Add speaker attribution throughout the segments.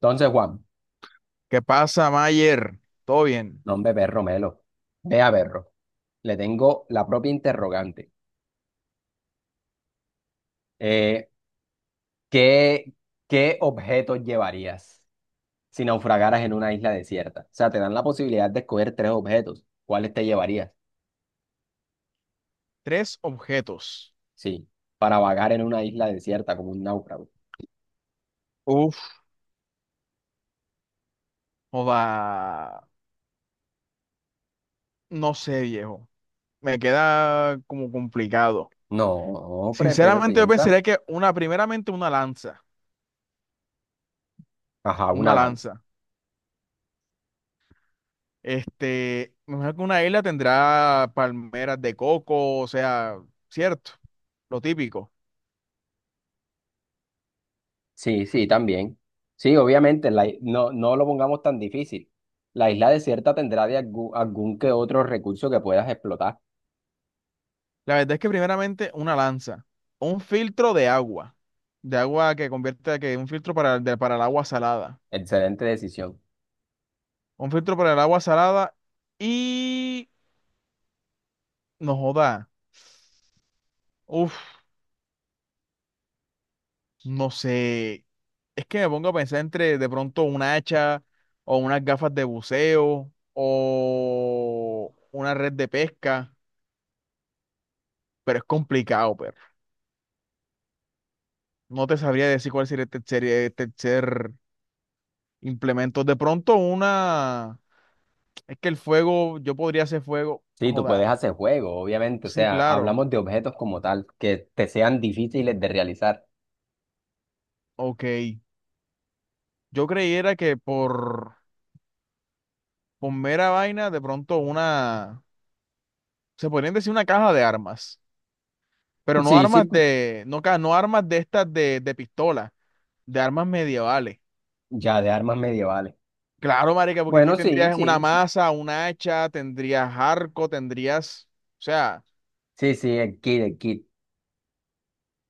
Speaker 1: Entonces, Juan,
Speaker 2: ¿Qué pasa, Mayer? ¿Todo bien?
Speaker 1: nombre perro Melo, vea perro, le tengo la propia interrogante. Eh, ¿qué, qué objetos llevarías si naufragaras en una isla desierta? O sea, te dan la posibilidad de escoger tres objetos. ¿Cuáles te llevarías?
Speaker 2: Tres objetos.
Speaker 1: Sí, para vagar en una isla desierta como un náufrago.
Speaker 2: Uf, joda. No sé, viejo. Me queda como complicado.
Speaker 1: No, pero
Speaker 2: Sinceramente, yo
Speaker 1: piensa.
Speaker 2: pensaría que primeramente una lanza.
Speaker 1: Ajá,
Speaker 2: Una
Speaker 1: una lanza.
Speaker 2: lanza. Este, me imagino que una isla tendrá palmeras de coco, o sea, cierto, lo típico.
Speaker 1: Sí, sí, también. Sí, obviamente, no, no lo pongamos tan difícil. La isla desierta tendrá de algún que otro recurso que puedas explotar.
Speaker 2: La verdad es que primeramente una lanza. Un filtro de agua. De agua que convierte, que un filtro para el agua salada.
Speaker 1: Excelente decisión.
Speaker 2: Un filtro para el agua salada y no joda. Uf, no sé. Es que me pongo a pensar entre de pronto un hacha o unas gafas de buceo o una red de pesca, pero es complicado, pero no te sabría decir cuál sería el tercer implemento. De pronto una, es que el fuego, yo podría hacer fuego,
Speaker 1: Sí, tú
Speaker 2: joda.
Speaker 1: puedes hacer juegos, obviamente. O
Speaker 2: Sí,
Speaker 1: sea,
Speaker 2: claro.
Speaker 1: hablamos de objetos como tal, que te sean difíciles de realizar.
Speaker 2: Ok. Yo creyera que por mera vaina, de pronto una se podrían decir una caja de armas, pero no
Speaker 1: Sí,
Speaker 2: armas
Speaker 1: sí,
Speaker 2: de, no, ca- no armas de estas de pistola, de armas medievales.
Speaker 1: ya de armas medievales.
Speaker 2: Claro, marica, porque aquí
Speaker 1: Bueno, sí,
Speaker 2: tendrías una
Speaker 1: sí, sí.
Speaker 2: maza, un hacha, tendrías arco, tendrías, o sea,
Speaker 1: Sí, sí, el kit.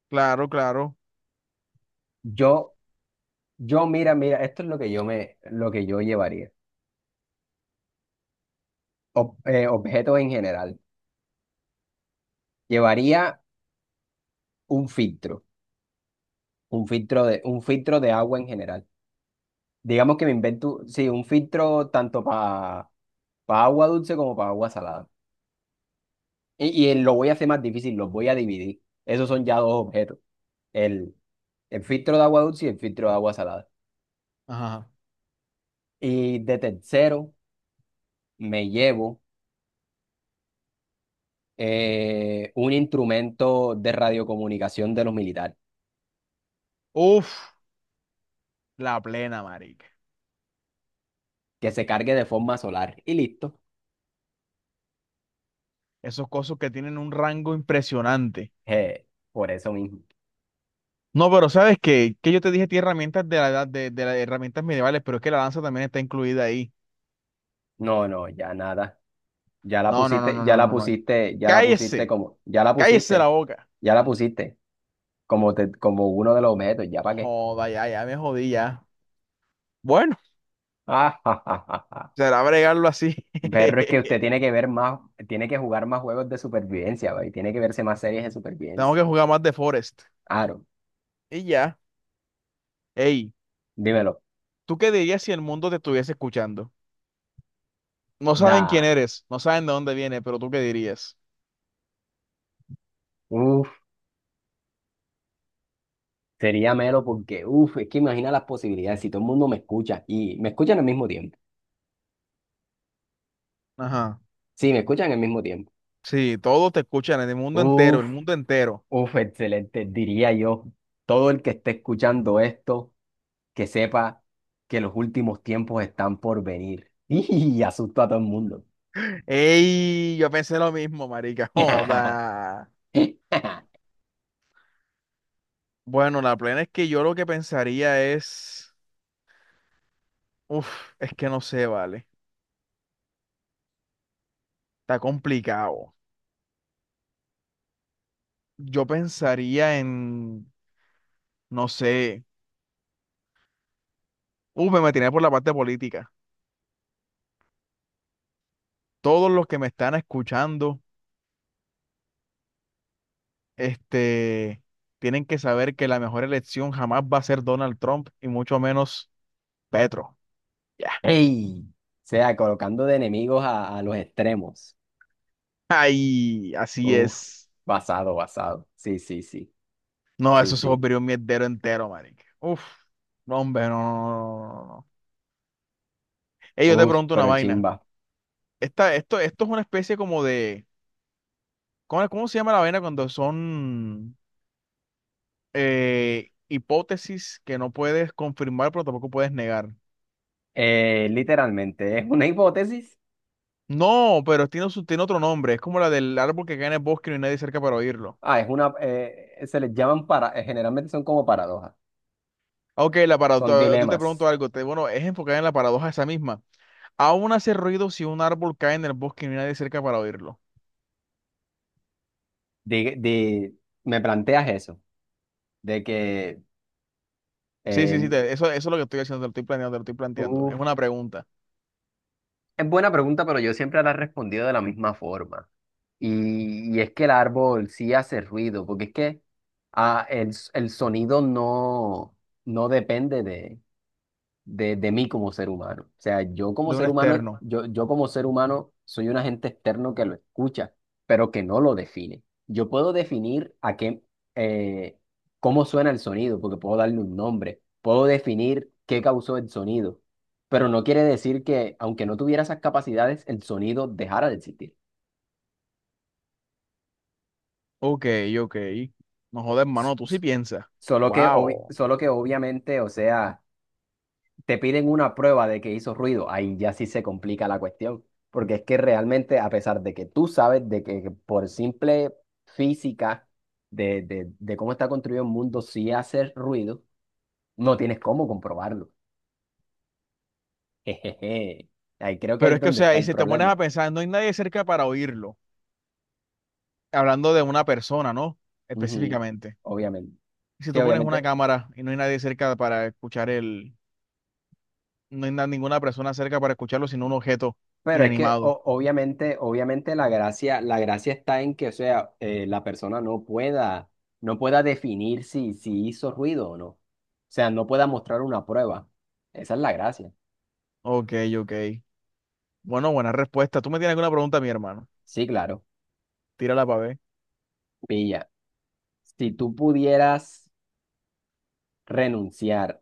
Speaker 2: claro, claro.
Speaker 1: Yo, yo, mira, esto es lo que lo que yo llevaría. Objetos en general. Llevaría un filtro, un filtro un filtro de agua en general. Digamos que me invento, sí, un filtro tanto para agua dulce como para agua salada. Y lo voy a hacer más difícil, los voy a dividir. Esos son ya dos objetos, el, el filtro de agua dulce y el filtro de agua salada.
Speaker 2: Ajá.
Speaker 1: Y de tercero, me llevo un instrumento de radiocomunicación de los militares,
Speaker 2: Uf, la plena, marica.
Speaker 1: que se cargue de forma solar. Y listo.
Speaker 2: Esos cosos que tienen un rango impresionante.
Speaker 1: Eh, por eso mismo.
Speaker 2: No, pero ¿sabes qué? Que yo te dije, tiene herramientas de la edad de las herramientas medievales, pero es que la lanza también está incluida ahí.
Speaker 1: No, no, ya nada.
Speaker 2: No, no, no, no, no, no, no.
Speaker 1: Ya la pusiste
Speaker 2: Cállese,
Speaker 1: ya la
Speaker 2: cállese la
Speaker 1: pusiste,
Speaker 2: boca.
Speaker 1: ya la pusiste como uno de los objetos, ¿ya para qué?
Speaker 2: Joda, ya, ya me jodí ya. Bueno,
Speaker 1: Ah, ja, ja, ja, ja.
Speaker 2: será bregarlo así.
Speaker 1: Pero es que usted tiene que ver más, tiene que jugar más juegos de supervivencia, güey. Tiene que verse más series de
Speaker 2: Tengo
Speaker 1: supervivencia.
Speaker 2: que jugar más de Forest.
Speaker 1: Aro,
Speaker 2: Y ya. Ey,
Speaker 1: dímelo.
Speaker 2: ¿tú qué dirías si el mundo te estuviese escuchando? No saben
Speaker 1: Da.
Speaker 2: quién eres, no saben de dónde vienes, pero ¿tú qué dirías?
Speaker 1: Uf, sería melo porque, uf, es que imagina las posibilidades si todo el mundo me escucha y me escuchan al mismo tiempo.
Speaker 2: Ajá.
Speaker 1: Sí, me escuchan al mismo tiempo.
Speaker 2: Sí, todos te escuchan, en el mundo entero,
Speaker 1: Uf,
Speaker 2: el mundo entero.
Speaker 1: uf, excelente. Diría yo, todo el que esté escuchando esto, que sepa que los últimos tiempos están por venir. Y asusto a todo el mundo.
Speaker 2: Ey, yo pensé lo mismo, marica. Joda. Bueno, la plena es que yo lo que pensaría es. Uf, es que no sé, vale. Está complicado. Yo pensaría en. No sé, me metí por la parte política. Todos los que me están escuchando, este, tienen que saber que la mejor elección jamás va a ser Donald Trump y mucho menos Petro. Ya.
Speaker 1: Ey, o sea, colocando de enemigos a los extremos.
Speaker 2: Ay, así
Speaker 1: Uf,
Speaker 2: es.
Speaker 1: basado, basado. Sí, sí, sí,
Speaker 2: No,
Speaker 1: sí,
Speaker 2: eso es
Speaker 1: sí.
Speaker 2: un mierdero entero, marica. Uf, no, hombre, no, no, no, no, no. No. Ey, yo te
Speaker 1: Uf,
Speaker 2: pregunto una
Speaker 1: pero
Speaker 2: vaina.
Speaker 1: chimba.
Speaker 2: Esta, esto es una especie como de, ¿cómo se llama la vaina cuando son hipótesis que no puedes confirmar, pero tampoco puedes negar?
Speaker 1: Literalmente, es una hipótesis.
Speaker 2: No, pero tiene, tiene otro nombre. Es como la del árbol que cae en el bosque y no hay nadie cerca para oírlo.
Speaker 1: Ah, es una, se les llaman para, generalmente son como paradojas,
Speaker 2: Ok, la
Speaker 1: son
Speaker 2: paradoja. Yo te pregunto
Speaker 1: dilemas.
Speaker 2: algo. Bueno, es enfocada en la paradoja esa misma. Aún hace ruido si un árbol cae en el bosque y no hay nadie cerca para oírlo.
Speaker 1: De, de, Me planteas eso, de que,
Speaker 2: Sí, sí, sí.
Speaker 1: eh,
Speaker 2: Eso, eso es lo que estoy haciendo. Te lo estoy planteando, te lo estoy planteando. Es
Speaker 1: uf,
Speaker 2: una pregunta
Speaker 1: es buena pregunta, pero yo siempre la he respondido de la misma forma. Y es que el árbol sí hace ruido, porque es que el, el sonido no, no depende de mí como ser humano. O sea, yo como
Speaker 2: de un
Speaker 1: ser humano,
Speaker 2: externo.
Speaker 1: yo como ser humano soy un agente externo que lo escucha, pero que no lo define. Yo puedo definir eh, cómo suena el sonido, porque puedo darle un nombre, puedo definir qué causó el sonido, pero no quiere decir que, aunque no tuviera esas capacidades, el sonido dejara de existir.
Speaker 2: Ok, ok. No jodas, hermano. Tú sí piensas. Wow.
Speaker 1: Solo que obviamente, te piden una prueba de que hizo ruido, ahí ya sí se complica la cuestión, porque es que realmente a pesar de que tú sabes de que por simple física de cómo está construido el mundo sí hace ruido, no tienes cómo comprobarlo. Jejeje. Ahí creo que ahí
Speaker 2: Pero
Speaker 1: es
Speaker 2: es que, o
Speaker 1: donde
Speaker 2: sea,
Speaker 1: está
Speaker 2: y
Speaker 1: el
Speaker 2: si te pones
Speaker 1: problema.
Speaker 2: a pensar, no hay nadie cerca para oírlo. Hablando de una persona, ¿no?
Speaker 1: Ujú.
Speaker 2: Específicamente.
Speaker 1: Obviamente.
Speaker 2: Y si
Speaker 1: Sí,
Speaker 2: tú pones una
Speaker 1: obviamente.
Speaker 2: cámara y no hay nadie cerca para escuchar el, no hay na- ninguna persona cerca para escucharlo, sino un objeto inanimado.
Speaker 1: Obviamente la gracia está en que, o sea, la persona no pueda, no pueda definir si, si hizo ruido o no. O sea, no pueda mostrar una prueba. Esa es la gracia.
Speaker 2: Ok, ok. Bueno, buena respuesta. ¿Tú me tienes alguna pregunta, mi hermano?
Speaker 1: Sí, claro.
Speaker 2: Tírala para ver.
Speaker 1: Pilla. Si tú pudieras renunciar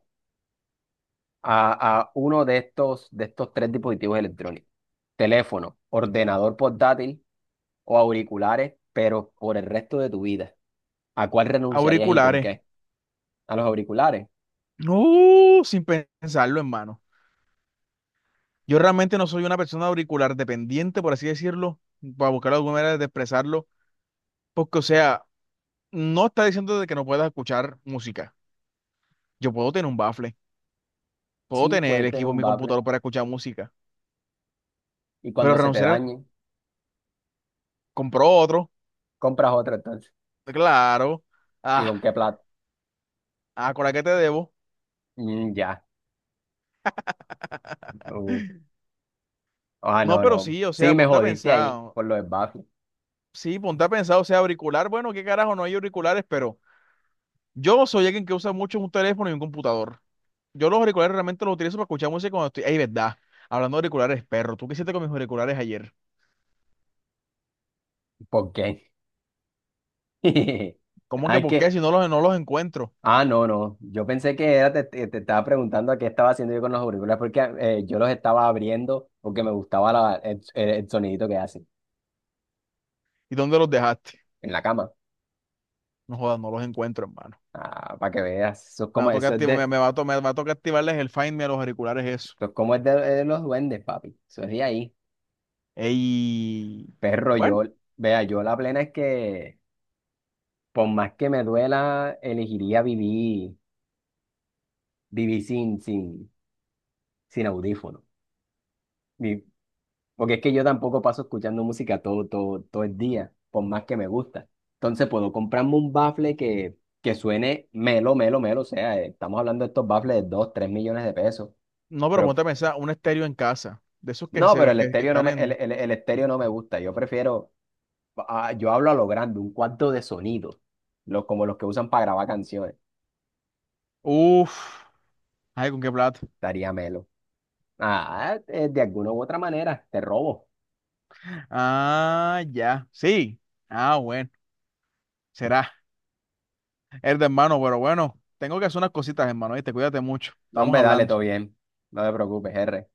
Speaker 1: a uno de estos tres dispositivos electrónicos, teléfono, ordenador portátil o auriculares, pero por el resto de tu vida, ¿a cuál renunciarías y por
Speaker 2: Auriculares.
Speaker 1: qué? ¿A los auriculares?
Speaker 2: No, sin pensarlo, hermano. Yo realmente no soy una persona auricular dependiente, por así decirlo, para buscar alguna manera de expresarlo, porque, o sea, no está diciendo de que no puedas escuchar música. Yo puedo tener un bafle, puedo
Speaker 1: Sí,
Speaker 2: tener
Speaker 1: puede
Speaker 2: el
Speaker 1: tener
Speaker 2: equipo en
Speaker 1: un
Speaker 2: mi
Speaker 1: bafle.
Speaker 2: computador para escuchar música,
Speaker 1: Y
Speaker 2: pero
Speaker 1: cuando se te dañe
Speaker 2: compró otro.
Speaker 1: compras otro entonces.
Speaker 2: Claro.
Speaker 1: ¿Y
Speaker 2: Ah,
Speaker 1: con qué plata?
Speaker 2: ah, ¿a qué te debo?
Speaker 1: Mm, ya. Uh, Ah,
Speaker 2: No,
Speaker 1: no,
Speaker 2: pero
Speaker 1: no.
Speaker 2: sí, o
Speaker 1: Sí,
Speaker 2: sea,
Speaker 1: me
Speaker 2: ponte a
Speaker 1: jodiste ahí
Speaker 2: pensar.
Speaker 1: por lo del bafle.
Speaker 2: Sí, ponte a pensar, o sea, auricular, bueno, qué carajo, no hay auriculares, pero yo soy alguien que usa mucho un teléfono y un computador. Yo los auriculares realmente los utilizo para escuchar música cuando estoy. Ey, verdad. Hablando de auriculares, perro, ¿tú qué hiciste con mis auriculares ayer?
Speaker 1: ¿Por qué?
Speaker 2: ¿Cómo que
Speaker 1: Ay,
Speaker 2: por qué?
Speaker 1: que.
Speaker 2: No los encuentro.
Speaker 1: Ah, no, no. Yo pensé que era, te estaba preguntando a qué estaba haciendo yo con los auriculares porque yo los estaba abriendo porque me gustaba el sonidito que hacen
Speaker 2: ¿Y dónde los dejaste?
Speaker 1: en la cama.
Speaker 2: No jodas, no los encuentro, hermano.
Speaker 1: Ah, para que veas.
Speaker 2: Me va a tocar,
Speaker 1: Eso es de,
Speaker 2: me va a tocar activarles el Find Me a los auriculares, eso.
Speaker 1: eso es como es de los duendes, papi. Eso es de ahí.
Speaker 2: Ey.
Speaker 1: Perro,
Speaker 2: Bueno.
Speaker 1: yo. Vea, yo la plena es que por más que me duela, elegiría vivir, vivir sin, sin, sin audífono. Vi- Porque es que yo tampoco paso escuchando música todo, todo, todo el día, por más que me gusta. Entonces puedo comprarme un bafle que suene melo, melo, melo. O sea, estamos hablando de estos baffles de 2, 3 millones de pesos.
Speaker 2: No, pero
Speaker 1: Pero
Speaker 2: ponte a pensar, un estéreo en casa. De esos
Speaker 1: no, pero el
Speaker 2: que
Speaker 1: estéreo no
Speaker 2: están
Speaker 1: me,
Speaker 2: en.
Speaker 1: el estéreo no me gusta. Yo prefiero, ah, yo hablo a lo grande, un cuarto de sonido, como los que usan para grabar canciones.
Speaker 2: Uf. Ay, ¿con qué plata?
Speaker 1: Estaría melo. De alguna u otra manera, te robo.
Speaker 2: Ah, ya. Sí. Ah, bueno. Será. Es de hermano, pero bueno. Tengo que hacer unas cositas, hermano. Te cuídate mucho.
Speaker 1: No,
Speaker 2: Estamos
Speaker 1: hombre, dale,
Speaker 2: hablando.
Speaker 1: todo bien. No te preocupes, R.